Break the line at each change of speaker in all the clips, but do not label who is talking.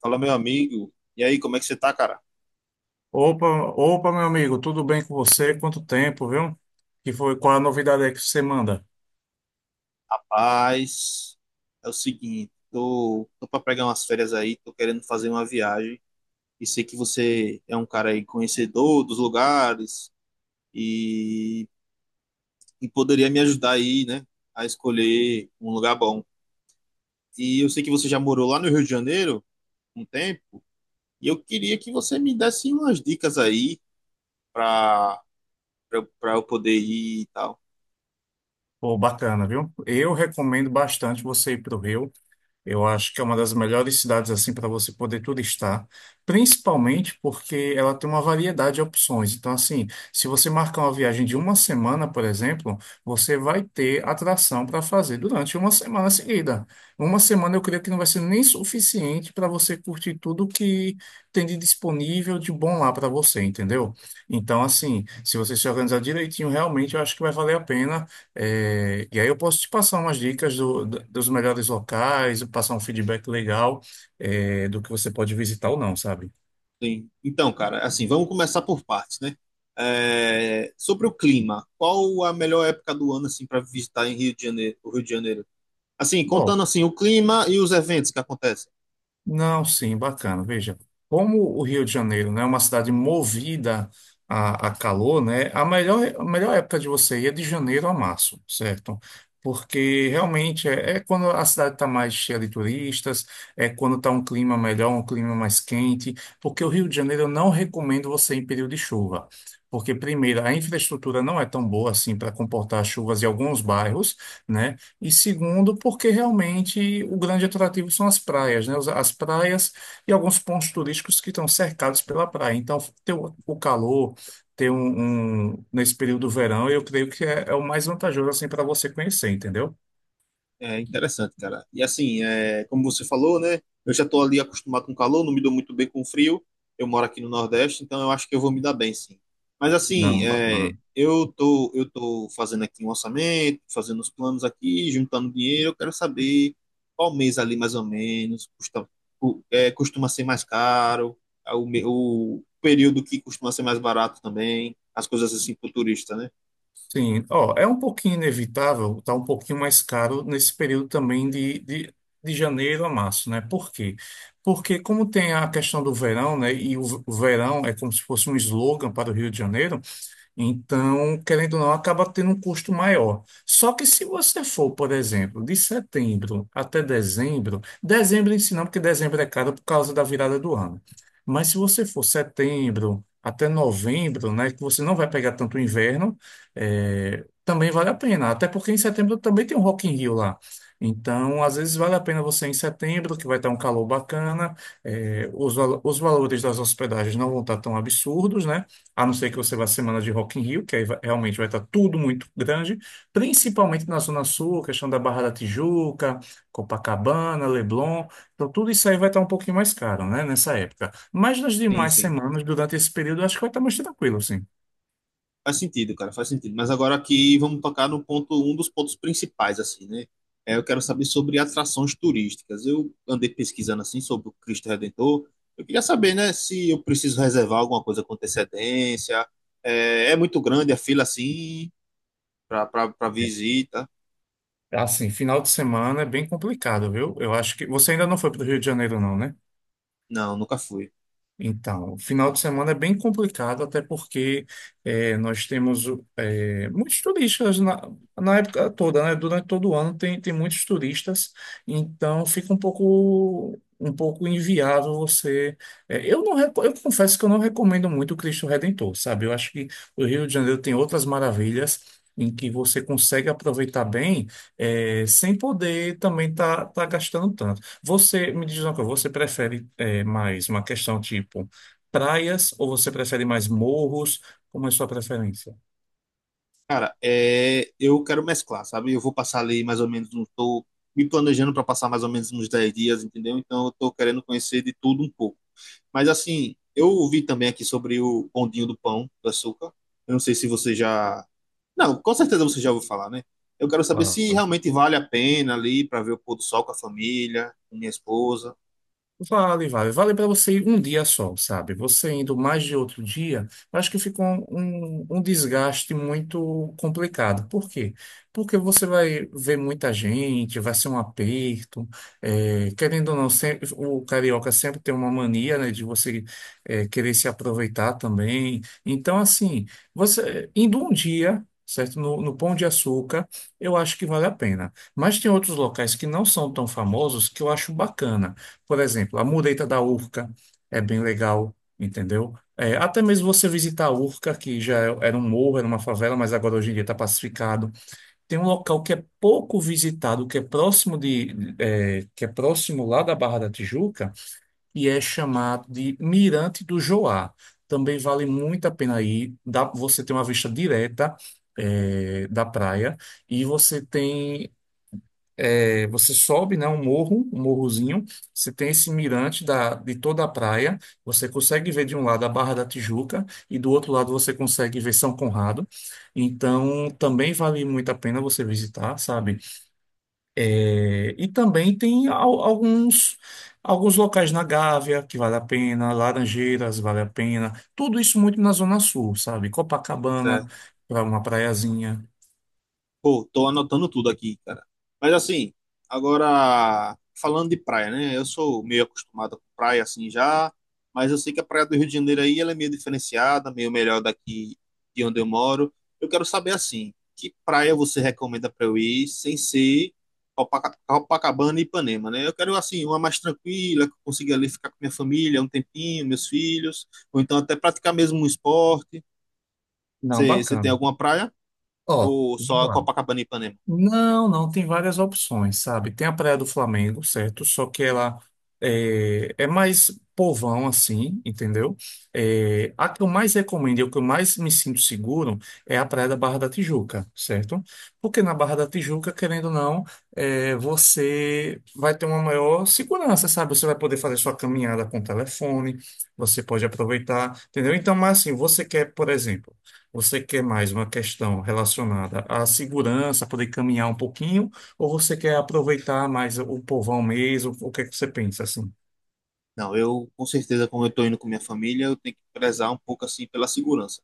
Fala, meu amigo. E aí, como é que você tá, cara?
Opa, opa, meu amigo, tudo bem com você? Quanto tempo, viu? Que foi, qual é a novidade aí que você manda?
Rapaz, é o seguinte, tô pra pegar umas férias aí, tô querendo fazer uma viagem. E sei que você é um cara aí conhecedor dos lugares e, e poderia me ajudar aí, né, a escolher um lugar bom. E eu sei que você já morou lá no Rio de Janeiro um tempo, e eu queria que você me desse umas dicas aí pra, pra eu poder ir e tal.
Pô, bacana, viu? Eu recomendo bastante você ir para o Rio. Eu acho que é uma das melhores cidades assim para você poder turistar, principalmente porque ela tem uma variedade de opções. Então, assim, se você marcar uma viagem de uma semana, por exemplo, você vai ter atração para fazer durante uma semana seguida. Uma semana eu creio que não vai ser nem suficiente para você curtir tudo que tem de disponível de bom lá para você, entendeu? Então, assim, se você se organizar direitinho, realmente eu acho que vai valer a pena. E aí eu posso te passar umas dicas dos melhores locais, passar um feedback legal, do que você pode visitar ou não, sabe?
Sim. Então, cara, assim, vamos começar por partes, né? É, sobre o clima, qual a melhor época do ano assim para visitar em Rio de Janeiro, o Rio de Janeiro? Assim,
Ó,
contando assim o clima e os eventos que acontecem.
não, sim, bacana. Veja, como o Rio de Janeiro, né, é uma cidade movida a calor, né, a melhor época de você ir é de janeiro a março, certo? Porque realmente é quando a cidade está mais cheia de turistas, é quando está um clima melhor, um clima mais quente, porque o Rio de Janeiro eu não recomendo você ir em período de chuva. Porque, primeiro, a infraestrutura não é tão boa assim para comportar chuvas em alguns bairros, né? E segundo, porque realmente o grande atrativo são as praias, né? As praias e alguns pontos turísticos que estão cercados pela praia. Então, ter o calor, ter nesse período do verão, eu creio que é o mais vantajoso assim para você conhecer, entendeu?
É interessante, cara. E assim, é, como você falou, né? Eu já estou ali acostumado com calor, não me dou muito bem com frio. Eu moro aqui no Nordeste, então eu acho que eu vou me dar bem, sim. Mas assim,
Não,
é,
bacana.
eu tô fazendo aqui um orçamento, fazendo os planos aqui, juntando dinheiro. Eu quero saber qual mês ali mais ou menos custa, é, costuma ser mais caro, é, o período que costuma ser mais barato também, as coisas assim pro turista, né?
Sim, ó, é um pouquinho inevitável, tá um pouquinho mais caro nesse período também de janeiro a março, né? Por quê? Porque como tem a questão do verão, né? E o o verão é como se fosse um slogan para o Rio de Janeiro. Então, querendo ou não, acaba tendo um custo maior. Só que se você for, por exemplo, de setembro até dezembro, dezembro em si não, porque dezembro é caro por causa da virada do ano. Mas se você for setembro até novembro, né, que você não vai pegar tanto inverno, também vale a pena. Até porque em setembro também tem um Rock in Rio lá. Então, às vezes vale a pena você ir em setembro, que vai estar um calor bacana, os valores das hospedagens não vão estar tão absurdos, né? A não ser que você vá à semana de Rock in Rio, que aí realmente vai estar tudo muito grande, principalmente na Zona Sul, questão da Barra da Tijuca, Copacabana, Leblon. Então, tudo isso aí vai estar um pouquinho mais caro, né, nessa época. Mas nas
Sim,
demais
sim.
semanas, durante esse período, eu acho que vai estar mais tranquilo, assim.
Faz sentido, cara, faz sentido. Mas agora aqui vamos tocar no ponto, um dos pontos principais, assim, né? É, eu quero saber sobre atrações turísticas. Eu andei pesquisando, assim, sobre o Cristo Redentor. Eu queria saber, né, se eu preciso reservar alguma coisa com antecedência. É, é muito grande a fila, assim, pra visita.
Assim, final de semana é bem complicado, viu? Eu acho que você ainda não foi para o Rio de Janeiro, não, né?
Não, nunca fui.
Então, o final de semana é bem complicado, até porque nós temos muitos turistas na época toda, né? Durante todo o ano tem muitos turistas, então fica um um pouco inviável você. Eh, eu não, eu confesso que eu não recomendo muito o Cristo Redentor, sabe? Eu acho que o Rio de Janeiro tem outras maravilhas. Em que você consegue aproveitar bem, sem poder também estar tá gastando tanto. Você, me diz uma coisa, você prefere mais uma questão tipo praias ou você prefere mais morros? Como é a sua preferência?
Cara, é, eu quero mesclar, sabe? Eu vou passar ali mais ou menos, estou me planejando para passar mais ou menos uns 10 dias, entendeu? Então eu tô querendo conhecer de tudo um pouco. Mas assim, eu ouvi também aqui sobre o bondinho do pão, do açúcar. Eu não sei se você já. Não, com certeza você já ouviu falar, né? Eu quero saber se realmente vale a pena ali para ver o pôr do sol com a família, com minha esposa.
Vale, vale. Vale para você ir um dia só, sabe? Você indo mais de outro dia, eu acho que fica um desgaste muito complicado. Por quê? Porque você vai ver muita gente, vai ser um aperto. É, querendo ou não, sempre, o carioca sempre tem uma mania, né, de querer se aproveitar também. Então, assim, você indo um dia. Certo? No Pão de Açúcar, eu acho que vale a pena. Mas tem outros locais que não são tão famosos que eu acho bacana. Por exemplo, a mureta da Urca é bem legal, entendeu? É, até mesmo você visitar a Urca, que já era um morro, era uma favela, mas agora hoje em dia está pacificado. Tem um local que é pouco visitado, que é que é próximo lá da Barra da Tijuca, e é chamado de Mirante do Joá. Também vale muito a pena ir. Dá, você tem uma vista direta, é, da praia e você tem. Você sobe, né, um morro, um morrozinho, você tem esse mirante de toda a praia, você consegue ver de um lado a Barra da Tijuca e do outro lado você consegue ver São Conrado. Então, também vale muito a pena você visitar, sabe? É, e também tem alguns locais na Gávea que vale a pena, Laranjeiras vale a pena, tudo isso muito na Zona Sul, sabe? Copacabana, para uma praiazinha.
Pô, tô anotando tudo aqui, cara. Mas assim, agora falando de praia, né? Eu sou meio acostumado com praia assim já, mas eu sei que a praia do Rio de Janeiro aí ela é meio diferenciada, meio melhor daqui de onde eu moro. Eu quero saber assim, que praia você recomenda para eu ir sem ser Copacabana e Ipanema, né? Eu quero assim uma mais tranquila, que eu consiga ali ficar com minha família um tempinho, meus filhos, ou então até praticar mesmo um esporte.
Não,
Você tem
bacana.
alguma praia
Ó,
ou
vamos
só
lá.
Copacabana e Ipanema?
Não, não, tem várias opções, sabe? Tem a Praia do Flamengo, certo? Só que ela é mais povão, assim, entendeu? É, a que eu mais recomendo e a que eu mais me sinto seguro é a Praia da Barra da Tijuca, certo? Porque na Barra da Tijuca, querendo ou não, é, você vai ter uma maior segurança, sabe? Você vai poder fazer sua caminhada com o telefone, você pode aproveitar, entendeu? Então, mas assim, você quer, por exemplo. Você quer mais uma questão relacionada à segurança, poder caminhar um pouquinho, ou você quer aproveitar mais o povão mesmo? O que é que você pensa assim?
Não, eu com certeza, como eu tô indo com minha família, eu tenho que prezar um pouco assim pela segurança.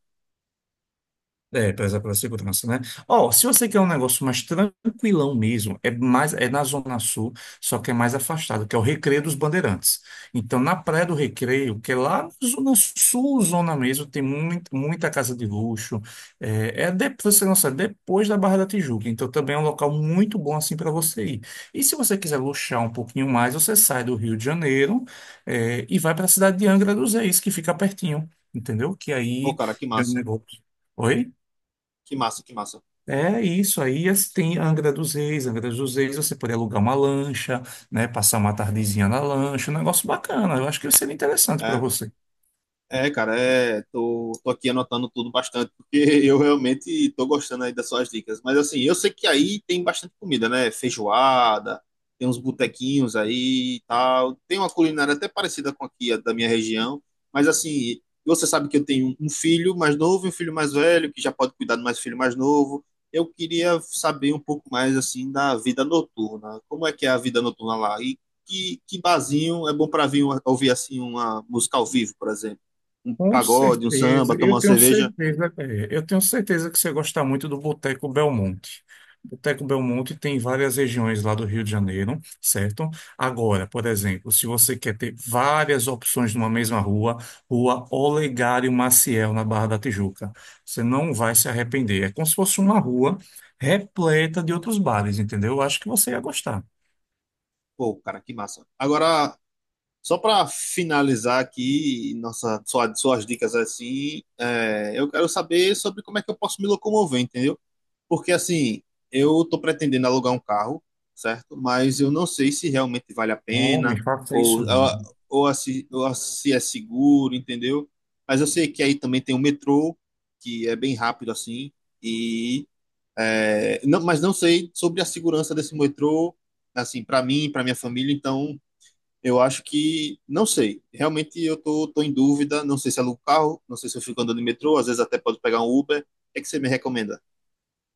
É, prezar pela segurança, né? Ó, se você quer um negócio mais tranquilão mesmo, é mais é na Zona Sul, só que é mais afastado, que é o Recreio dos Bandeirantes. Então, na Praia do Recreio, que é lá na Zona Sul, zona mesmo, tem muito muita casa de luxo. Pra você não sabe, depois da Barra da Tijuca. Então, também é um local muito bom assim para você ir. E se você quiser luxar um pouquinho mais, você sai do Rio de Janeiro, é, e vai para a cidade de Angra dos Reis, que fica pertinho, entendeu? Que
Pô,
aí
cara, que
já é um
massa,
negócio. Oi?
que massa, que massa.
É isso aí, tem Angra dos Reis, você pode alugar uma lancha, né, passar uma tardezinha na lancha, um negócio bacana, eu acho que seria interessante para
É,
você.
é, cara, é, tô aqui anotando tudo bastante, porque eu realmente tô gostando aí das suas dicas. Mas assim, eu sei que aí tem bastante comida, né? Feijoada, tem uns botequinhos aí e tal. Tem uma culinária até parecida com aqui, a da minha região. Mas assim, você sabe que eu tenho um filho mais novo e um filho mais velho, que já pode cuidar do mais filho mais novo. Eu queria saber um pouco mais, assim, da vida noturna. Como é que é a vida noturna lá? E que barzinho é bom para vir ouvir, assim, uma música ao vivo, por exemplo? Um
Com
pagode, um samba,
certeza,
tomar
eu
uma
tenho
cerveja.
certeza, eu tenho certeza que você gosta muito do Boteco Belmonte. Boteco Belmonte tem várias regiões lá do Rio de Janeiro, certo? Agora, por exemplo, se você quer ter várias opções numa mesma rua, Rua Olegário Maciel, na Barra da Tijuca, você não vai se arrepender. É como se fosse uma rua repleta de outros bares, entendeu? Eu acho que você ia gostar.
Pô, cara, que massa. Agora, só para finalizar aqui nossa, suas dicas assim, é, eu quero saber sobre como é que eu posso me locomover, entendeu? Porque assim, eu tô pretendendo alugar um carro, certo? Mas eu não sei se realmente vale a
Homem,
pena
faça isso
ou,
não.
ou se é seguro, entendeu? Mas eu sei que aí também tem o metrô, que é bem rápido assim, e é, não, mas não sei sobre a segurança desse metrô, assim, para mim, para minha família, então eu acho que não sei. Realmente eu tô em dúvida, não sei se alugo carro, não sei se eu fico andando de metrô, às vezes até pode pegar um Uber. O que é que você me recomenda?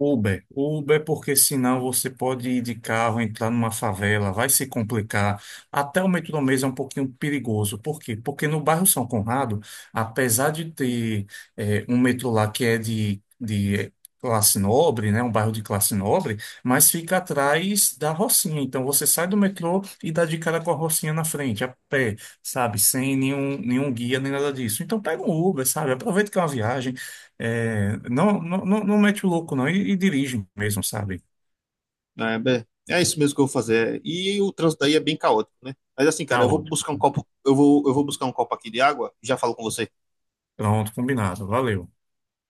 Uber, Uber, porque senão você pode ir de carro, entrar numa favela, vai se complicar. Até o metrô mesmo é um pouquinho perigoso. Por quê? Porque no bairro São Conrado, apesar de ter um metrô lá que é de classe nobre, né, um bairro de classe nobre, mas fica atrás da Rocinha. Então você sai do metrô e dá de cara com a Rocinha na frente, a pé, sabe? Sem nenhum, nenhum guia, nem nada disso. Então pega um Uber, sabe? Aproveita que é uma viagem. É, não, não, não mete o louco, não, e dirige mesmo, sabe?
É, bem, é isso mesmo que eu vou fazer. E o trânsito daí é bem caótico, né? Mas assim, cara,
Tá
eu vou
ótimo.
buscar um copo, eu vou buscar um copo aqui de água, já falo com você.
Pronto, combinado. Valeu.